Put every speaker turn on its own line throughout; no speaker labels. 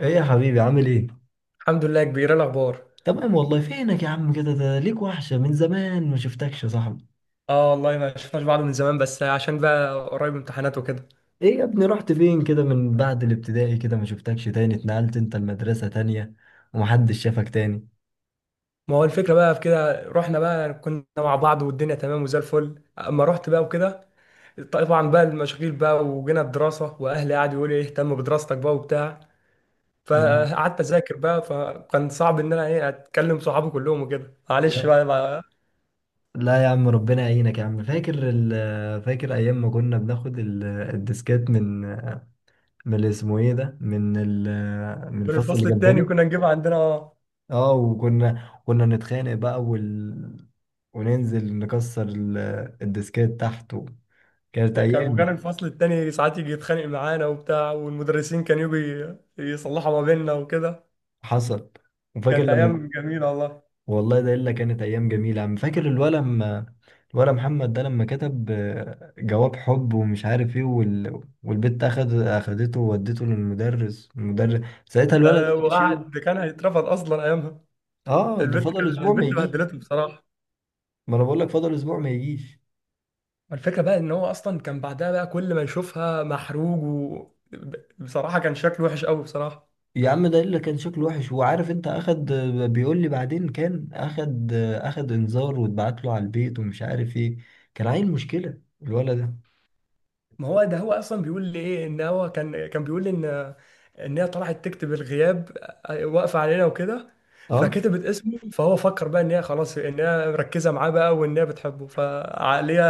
ايه يا حبيبي، عامل ايه؟
الحمد لله يا كبير، إيه الاخبار؟
تمام والله. فينك يا عم كده؟ ده ليك وحشة من زمان، ما شفتكش يا صاحبي.
اه والله ما شفناش بعض من زمان، بس عشان بقى قريب امتحانات وكده.
ايه يا ابني، رحت فين كده من بعد الابتدائي؟ كده ما شفتكش تاني. اتنقلت انت المدرسة تانية ومحدش شافك تاني.
ما هو الفكره بقى في كده، رحنا بقى كنا مع بعض والدنيا تمام وزي الفل، اما رحت بقى وكده طبعا بقى المشاغل بقى وجينا الدراسه، واهلي قعدوا يقولوا ايه اهتم بدراستك بقى وبتاع.
ده-
فقعدت اذاكر بقى، فكان صعب ان انا ايه اتكلم صحابي كلهم وكده، معلش
لا،
بقى, بقى
لا يا عم، ربنا يعينك يا عم. فاكر ايام ما كنا بناخد الديسكات من اللي اسمه ايه ده، من من
من
الفصل اللي
الفصل التاني
جنبنا.
كنا نجيب عندنا
اه، وكنا نتخانق بقى، وننزل نكسر الديسكات تحت. كانت
كان وكان
ايام.
الفصل التاني ساعات يجي يتخانق معانا وبتاع، والمدرسين كانوا يجوا يصلحوا ما بيننا وكده.
حصل. وفاكر
كانت
لما
ايام جميله والله.
والله ده الا كانت ايام جميله عم. فاكر الولا لما، الولا محمد ده لما كتب جواب حب ومش عارف ايه والبت اخدته وودته للمدرس؟ ساعتها
ده
الولا ده
ده
ما جاش
وقعد
يوم.
ده كان هيترفض اصلا ايامها.
اه، ده
البت كان
فضل اسبوع ما
البت
يجيش.
بهدلته بصراحه.
ما انا بقول لك فضل اسبوع ما يجيش.
الفكره بقى ان هو اصلا كان بعدها بقى كل ما يشوفها محروج. و بصراحه كان شكله وحش قوي بصراحه.
يا عم، ده اللي كان شكله وحش، وعارف انت، اخد، بيقول لي بعدين، كان اخد انذار، واتبعت له على البيت ومش عارف ايه. كان عيل مشكله الولد ده.
ما هو ده هو اصلا بيقول لي ايه ان هو كان بيقول لي ان ان هي طلعت تكتب الغياب، واقفه علينا وكده.
اه،
فكتبت اسمه، فهو فكر بقى ان هي خلاص ان هي مركزه معاه بقى، وان هي بتحبه. فعقليه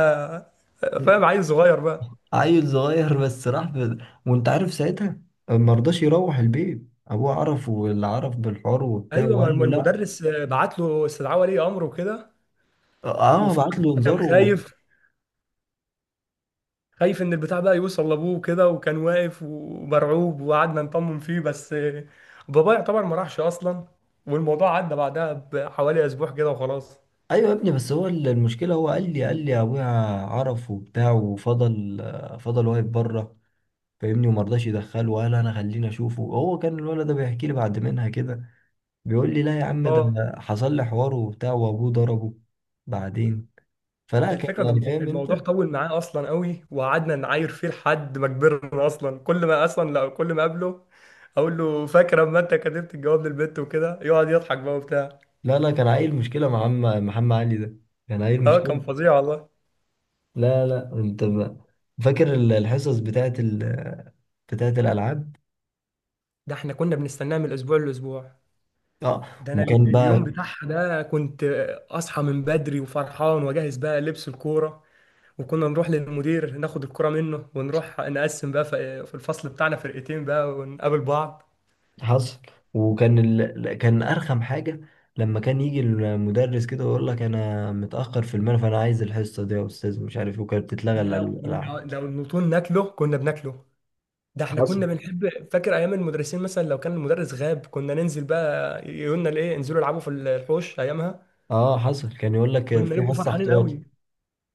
فاهم، عيل صغير بقى.
عيل صغير بس راح وانت عارف ساعتها ما رضاش يروح البيت. ابوه عرف، واللي عرف بالحوار وبتاع،
ايوه، ما
وقال له لا.
المدرس بعت له استدعاء ولي امر وكده.
اه، بعت
وفضل
له
كان
انذار و...
خايف، خايف ان البتاع بقى يوصل لابوه وكده، وكان واقف ومرعوب وقعدنا نطمن فيه، بس بابا يعتبر ما راحش اصلا. والموضوع عدى بعدها بحوالي اسبوع كده وخلاص.
ايوه يا ابني، بس هو المشكله، هو قال لي ابويا عرف وبتاع، وفضل فضل واقف بره، فاهمني، وما رضاش يدخله، وقال انا خليني اشوفه. هو كان الولد ده بيحكي لي بعد منها كده، بيقول لي لا يا عم، ده
اه،
حصل لي حوار وبتاع وابوه ضربه بعدين، فلا
ده
كان
الفكره ده
يعني فاهم
الموضوع
انت.
طول معاه اصلا قوي، وقعدنا نعاير فيه لحد ما كبرنا اصلا. كل ما اصلا، لا، كل ما اقابله اقول له فاكر اما انت كتبت الجواب للبنت وكده، يقعد يضحك بقى وبتاع.
لا لا، كان عيل مشكلة مع عم محمد علي ده. كان عيل
اه،
مشكلة.
كان فظيع والله.
لا لا، انت بقى فاكر الحصص بتاعت الألعاب؟
ده احنا كنا بنستناه من الاسبوع للاسبوع.
اه،
ده انا
وكان
اليوم
بقى.
بتاعها ده كنت اصحى من بدري وفرحان واجهز بقى لبس الكوره، وكنا نروح للمدير ناخد الكوره منه، ونروح نقسم بقى في الفصل بتاعنا فرقتين بقى ونقابل بعض.
حصل. وكان كان أرخم حاجة لما كان يجي المدرس كده ويقول لك أنا متأخر في المنهج، فأنا عايز الحصة دي يا أستاذ، مش عارف إيه، وكانت بتتلغى
يا لا كنا
الألعاب.
لو النطول ناكله كنا بناكله. ده احنا
حصل.
كنا بنحب، فاكر ايام المدرسين مثلا لو كان المدرس غاب كنا ننزل بقى، يقولنا الايه انزلوا العبوا في الحوش ايامها.
اه حصل، كان يقول لك
كنا
في
نبقوا
حصة
فرحانين
احتياطي.
قوي.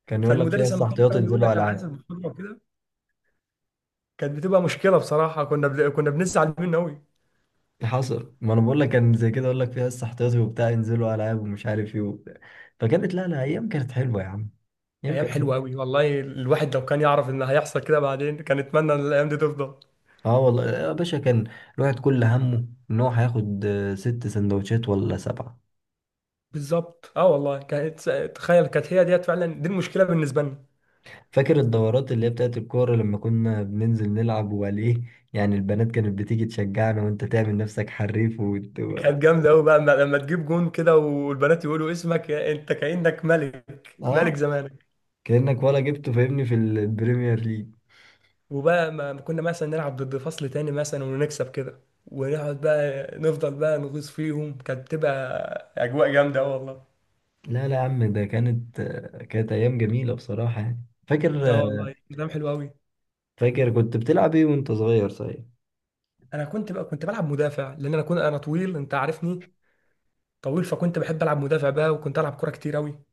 كان يقول لك في
فالمدرس
حصة
لما كان
احتياطي
يقعد يقول
انزلوا
لك انا عايز
ألعاب.
البطوله وكده، كانت بتبقى مشكله بصراحه، كنا كنا بنزعل منه قوي.
حصل، ما انا بقول لك كان زي كده، اقول لك فيها لسه احتياطي وبتاع، ينزلوا العاب ومش عارف ايه وبتاع. فكانت، لا لا، ايام كانت حلوه يا عم. ايام
ايام
كانت
حلوه
حلوه.
قوي والله. الواحد لو كان يعرف ان هيحصل كده بعدين، كان يتمنى ان الايام دي تفضل.
اه والله يا باشا، كان الواحد كل همه ان هو هياخد ست سندوتشات ولا سبعه.
بالظبط، اه والله، كانت تخيل كانت هي ديت فعلا دي المشكله بالنسبه لنا.
فاكر الدورات اللي هي بتاعت الكوره لما كنا بننزل نلعب وعليه؟ يعني البنات كانت بتيجي تشجعنا، وانت تعمل نفسك حريف
كانت جامده قوي بقى لما لما تجيب جون كده، والبنات يقولوا اسمك يا- انت كانك ملك، ملك
اه،
زمانك.
كانك ولا جبته، فاهمني، في البريمير ليج.
وبقى ما كنا مثلا نلعب ضد فصل تاني مثلا ونكسب كده، ونقعد بقى نفضل بقى نغيظ فيهم، كانت بتبقى اجواء جامده اه والله.
لا لا يا عم، ده كانت ايام جميله بصراحه، يعني فاكر.
اه والله كلام حلو قوي.
فاكر كنت بتلعب ايه وانت صغير، صحيح؟
انا كنت بقى كنت بلعب مدافع، لان انا كنت انا طويل، انت عارفني طويل، فكنت بحب العب مدافع بقى، وكنت العب كوره كتير قوي.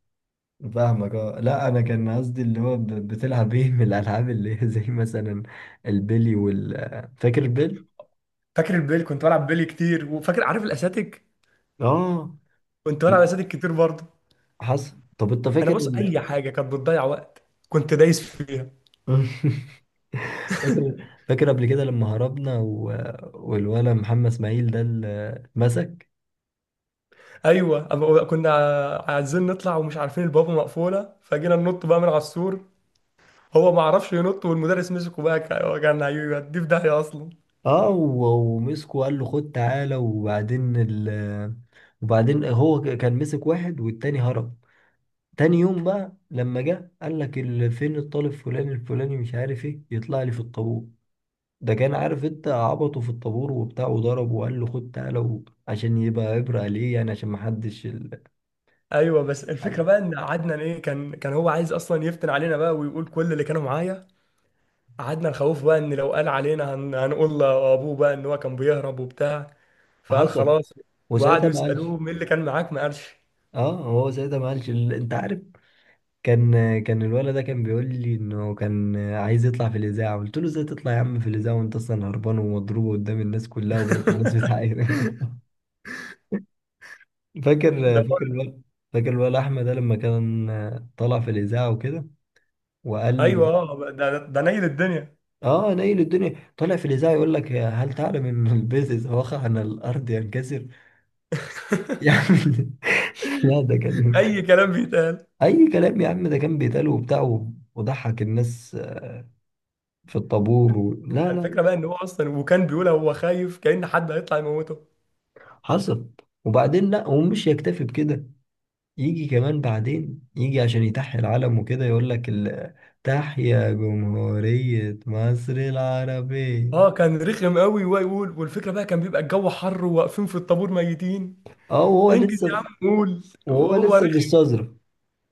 فاهمك. اه لا، انا كان قصدي اللي هو بتلعب ايه من الالعاب، اللي هي زي مثلا البلي فاكر البلي؟
فاكر البيلي، كنت بلعب بيلي كتير. وفاكر عارف الاساتيك،
اه،
كنت بلعب اساتيك كتير برضه.
حصل. طب انت
انا
فاكر
بص، اي حاجه كانت بتضيع وقت كنت دايس فيها.
فاكر فاكر قبل كده لما هربنا والولا محمد اسماعيل ده اللي اتمسك؟
ايوه، أما كنا عايزين نطلع ومش عارفين البوابه مقفوله، فجينا ننط بقى من على السور، هو ما عرفش ينط والمدرس مسكه بقى كان هيوديه في داهيه اصلا.
اه، ومسكه وقال له خد تعالى. وبعدين وبعدين هو كان مسك واحد والتاني هرب. تاني يوم بقى لما جه، قال لك فين الطالب فلان الفلاني مش عارف ايه، يطلع لي في الطابور. ده كان عارف انت، عبطه في الطابور وبتاع وضربه، وقال له خد تعالى، عشان يبقى عبرة ليه، يعني عشان ما حدش.
ايوه، بس الفكره بقى ان عدنان ايه كان هو عايز اصلا يفتن علينا بقى ويقول كل اللي كانوا معايا. قعدنا نخوفه بقى ان لو قال علينا هنقول لابوه بقى ان هو كان بيهرب وبتاع، فقال
حصل.
خلاص.
وساعتها
وقعدوا
ما قالش.
يسالوه مين اللي كان معاك، ما قالش.
اه، هو ساعتها ما قالش انت عارف. كان كان الولد ده كان بيقول لي انه كان عايز يطلع في الاذاعه. قلت له ازاي تطلع يا عم في الاذاعه وانت اصلا هربان ومضروب قدام الناس كلها، وبقت الناس بتعاير؟ فاكر.
ده
فاكر
هو-
الولا، فاكر الولا احمد ده لما كان طلع في الاذاعه وكده، وقال؟
ايوه، اه، ده نيل الدنيا.
اه، نايل الدنيا، طلع في الاذاعه يقول لك هل تعلم ان البيض اذا وقع على الارض ينكسر! يا عم، لا ده كان،
اي كلام بيتقال.
اي كلام يا عم، ده كان بيتقال وبتاع، وضحك الناس في الطابور لا
ده
لا.
الفكره بقى ان هو اصلا، وكان بيقول هو خايف كأن حد هيطلع يموته.
حصل. وبعدين لا، ومش يكتفي بكده، يجي كمان بعدين، يجي عشان يتحيي العلم وكده، يقول لك تحيا جمهورية مصر العربية.
اه كان رخم قوي ويقول، والفكره بقى كان بيبقى الجو حر وواقفين في الطابور ميتين،
اه،
انجز يا عم قول،
وهو
وهو
لسه
رخم.
بيستظرف.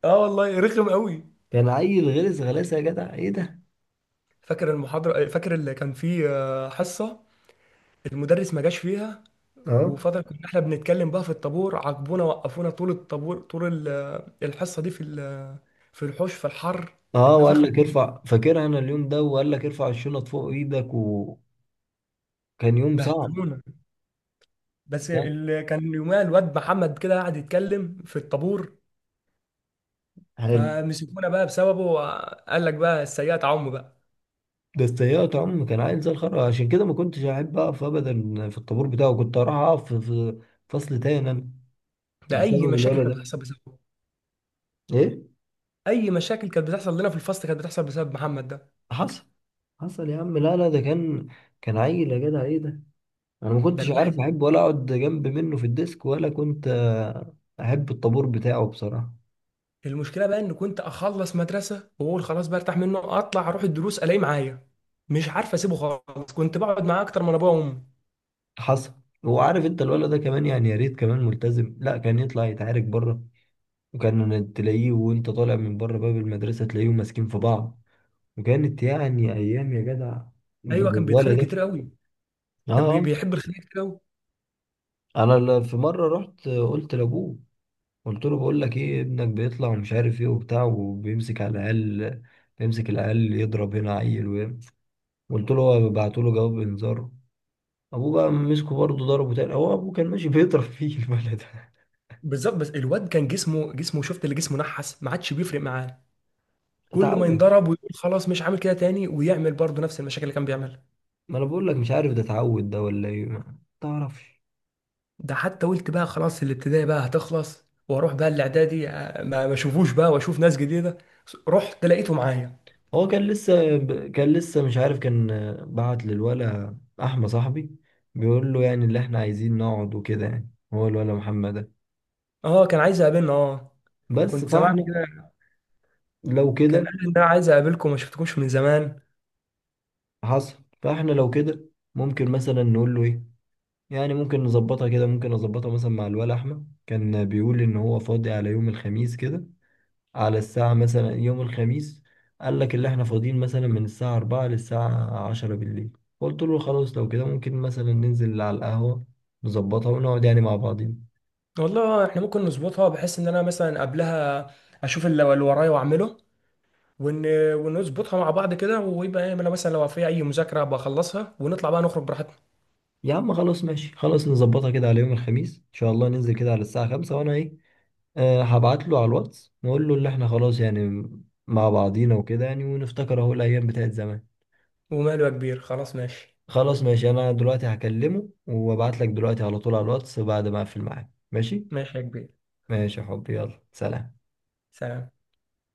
اه والله رخم قوي.
كان عيل غلس، غلاسه يا جدع ايه ده.
فاكر المحاضره، فاكر اللي كان فيه حصه المدرس ما جاش فيها،
اه
وفترة كنا احنا بنتكلم بقى في الطابور، عاقبونا وقفونا طول الطابور طول الحصة دي في في الحوش في الحر.
اه وقال
اتنفخنا،
لك ارفع، فاكرها انا اليوم ده، وقال لك ارفع الشنط فوق ايدك، وكان يوم صعب.
بهدلونا. بس
ده
اللي كان يومها الواد محمد كده قاعد يتكلم في الطابور،
حلو.
فمسكونا بقى بسببه. قال لك بقى السيئات عم بقى.
بس تهيأت عم، كان عيل زي الخرا، عشان كده ما كنتش احب اقف ابدا في الطابور بتاعه. كنت اروح اقف في، في فصل تاني انا،
ده
بسبب
اي مشاكل
الولد
كانت
ده.
بتحصل بسببه.
ايه.
اي مشاكل كانت بتحصل لنا في الفصل كانت بتحصل بسبب محمد ده.
حصل. حصل يا عم، لا لا، ده كان، كان عيل يا جدع ايه ده. انا ما
ده
كنتش عارف
الواحد
احب ولا اقعد جنب منه في الديسك، ولا كنت احب الطابور بتاعه بصراحه.
المشكله بقى ان كنت اخلص مدرسه واقول خلاص بقى ارتاح منه، اطلع اروح الدروس الاقيه معايا. مش عارف اسيبه خالص، كنت بقعد معاه اكتر من ابويا وامي.
حصل. هو عارف انت الولد ده كمان، يعني يا ريت كمان ملتزم، لا كان يطلع يتعارك بره. وكان تلاقيه وانت طالع من بره باب المدرسه تلاقيهم ماسكين في بعض. وكانت يعني ايام يا جدع
ايوه، كان بيتخانق
بالولد
كتير
ده.
قوي،
اه
كان
آه.
بيحب الخناق كتير قوي.
انا في مره رحت، قلت لابوه، قلت له بقول لك ايه، ابنك بيطلع ومش عارف ايه وبتاع، وبيمسك على العيال، بيمسك العيال يضرب هنا عيل. قلت له هو، بعت له جواب انذار. ابوه بقى مسكه برضه ضربه تاني، هو ابوه كان ماشي بيضرب فيه البلد.
بالظبط، بس الواد كان جسمه، جسمه شفت اللي جسمه نحس ما عادش بيفرق معاه. كل ما
اتعود.
ينضرب ويقول خلاص مش عامل كده تاني، ويعمل برضه نفس المشاكل اللي كان بيعملها.
ما انا بقول لك، مش عارف ده اتعود ده ولا ايه، ما تعرفش.
ده حتى قلت بقى خلاص الابتدائي بقى هتخلص واروح بقى الاعدادي، ما اشوفوش بقى واشوف ناس جديده، رحت لقيته معايا.
هو كان لسه مش عارف. كان بعت للولا احمد صاحبي، بيقول له يعني اللي احنا عايزين نقعد وكده يعني، هو الولا محمد ده.
اه كان عايز يقابلنا اه،
بس
كنت سمعت
فاحنا
كده،
لو
كان
كده.
قال ان انا عايز اقابلكم ما شفتكمش من زمان.
حصل، فاحنا لو كده ممكن مثلا نقول له ايه، يعني ممكن نظبطها كده. ممكن نظبطها مثلا مع الولا احمد، كان بيقول ان هو فاضي على يوم الخميس كده، على الساعة مثلا يوم الخميس. قال لك اللي احنا فاضيين مثلا من الساعة 4 للساعة 10 بالليل. قلت له خلاص لو كده ممكن مثلا ننزل على القهوة، نظبطها ونقعد يعني مع بعضين.
والله احنا ممكن نظبطها بحيث ان انا مثلا قبلها اشوف اللي ورايا واعمله، ون... ونظبطها مع بعض كده، ويبقى ايه انا مثلا لو في اي مذاكره بخلصها، ونطلع بقى نخرج براحتنا.
يا عم خلاص ماشي، خلاص نظبطها كده على يوم الخميس ان شاء الله، ننزل كده على الساعة 5، وانا ايه، أه هبعت له على الواتس، نقول له اللي احنا خلاص يعني مع بعضينا وكده يعني، ونفتكر اهو الايام بتاعت زمان.
وماله يا كبير، خلاص ماشي.
خلاص ماشي، انا دلوقتي هكلمه وابعت لك دلوقتي على طول على الواتس بعد ما اقفل معاه، ماشي؟
ماشي يا كبير،
ماشي يا حبي، يلا سلام.
سلام.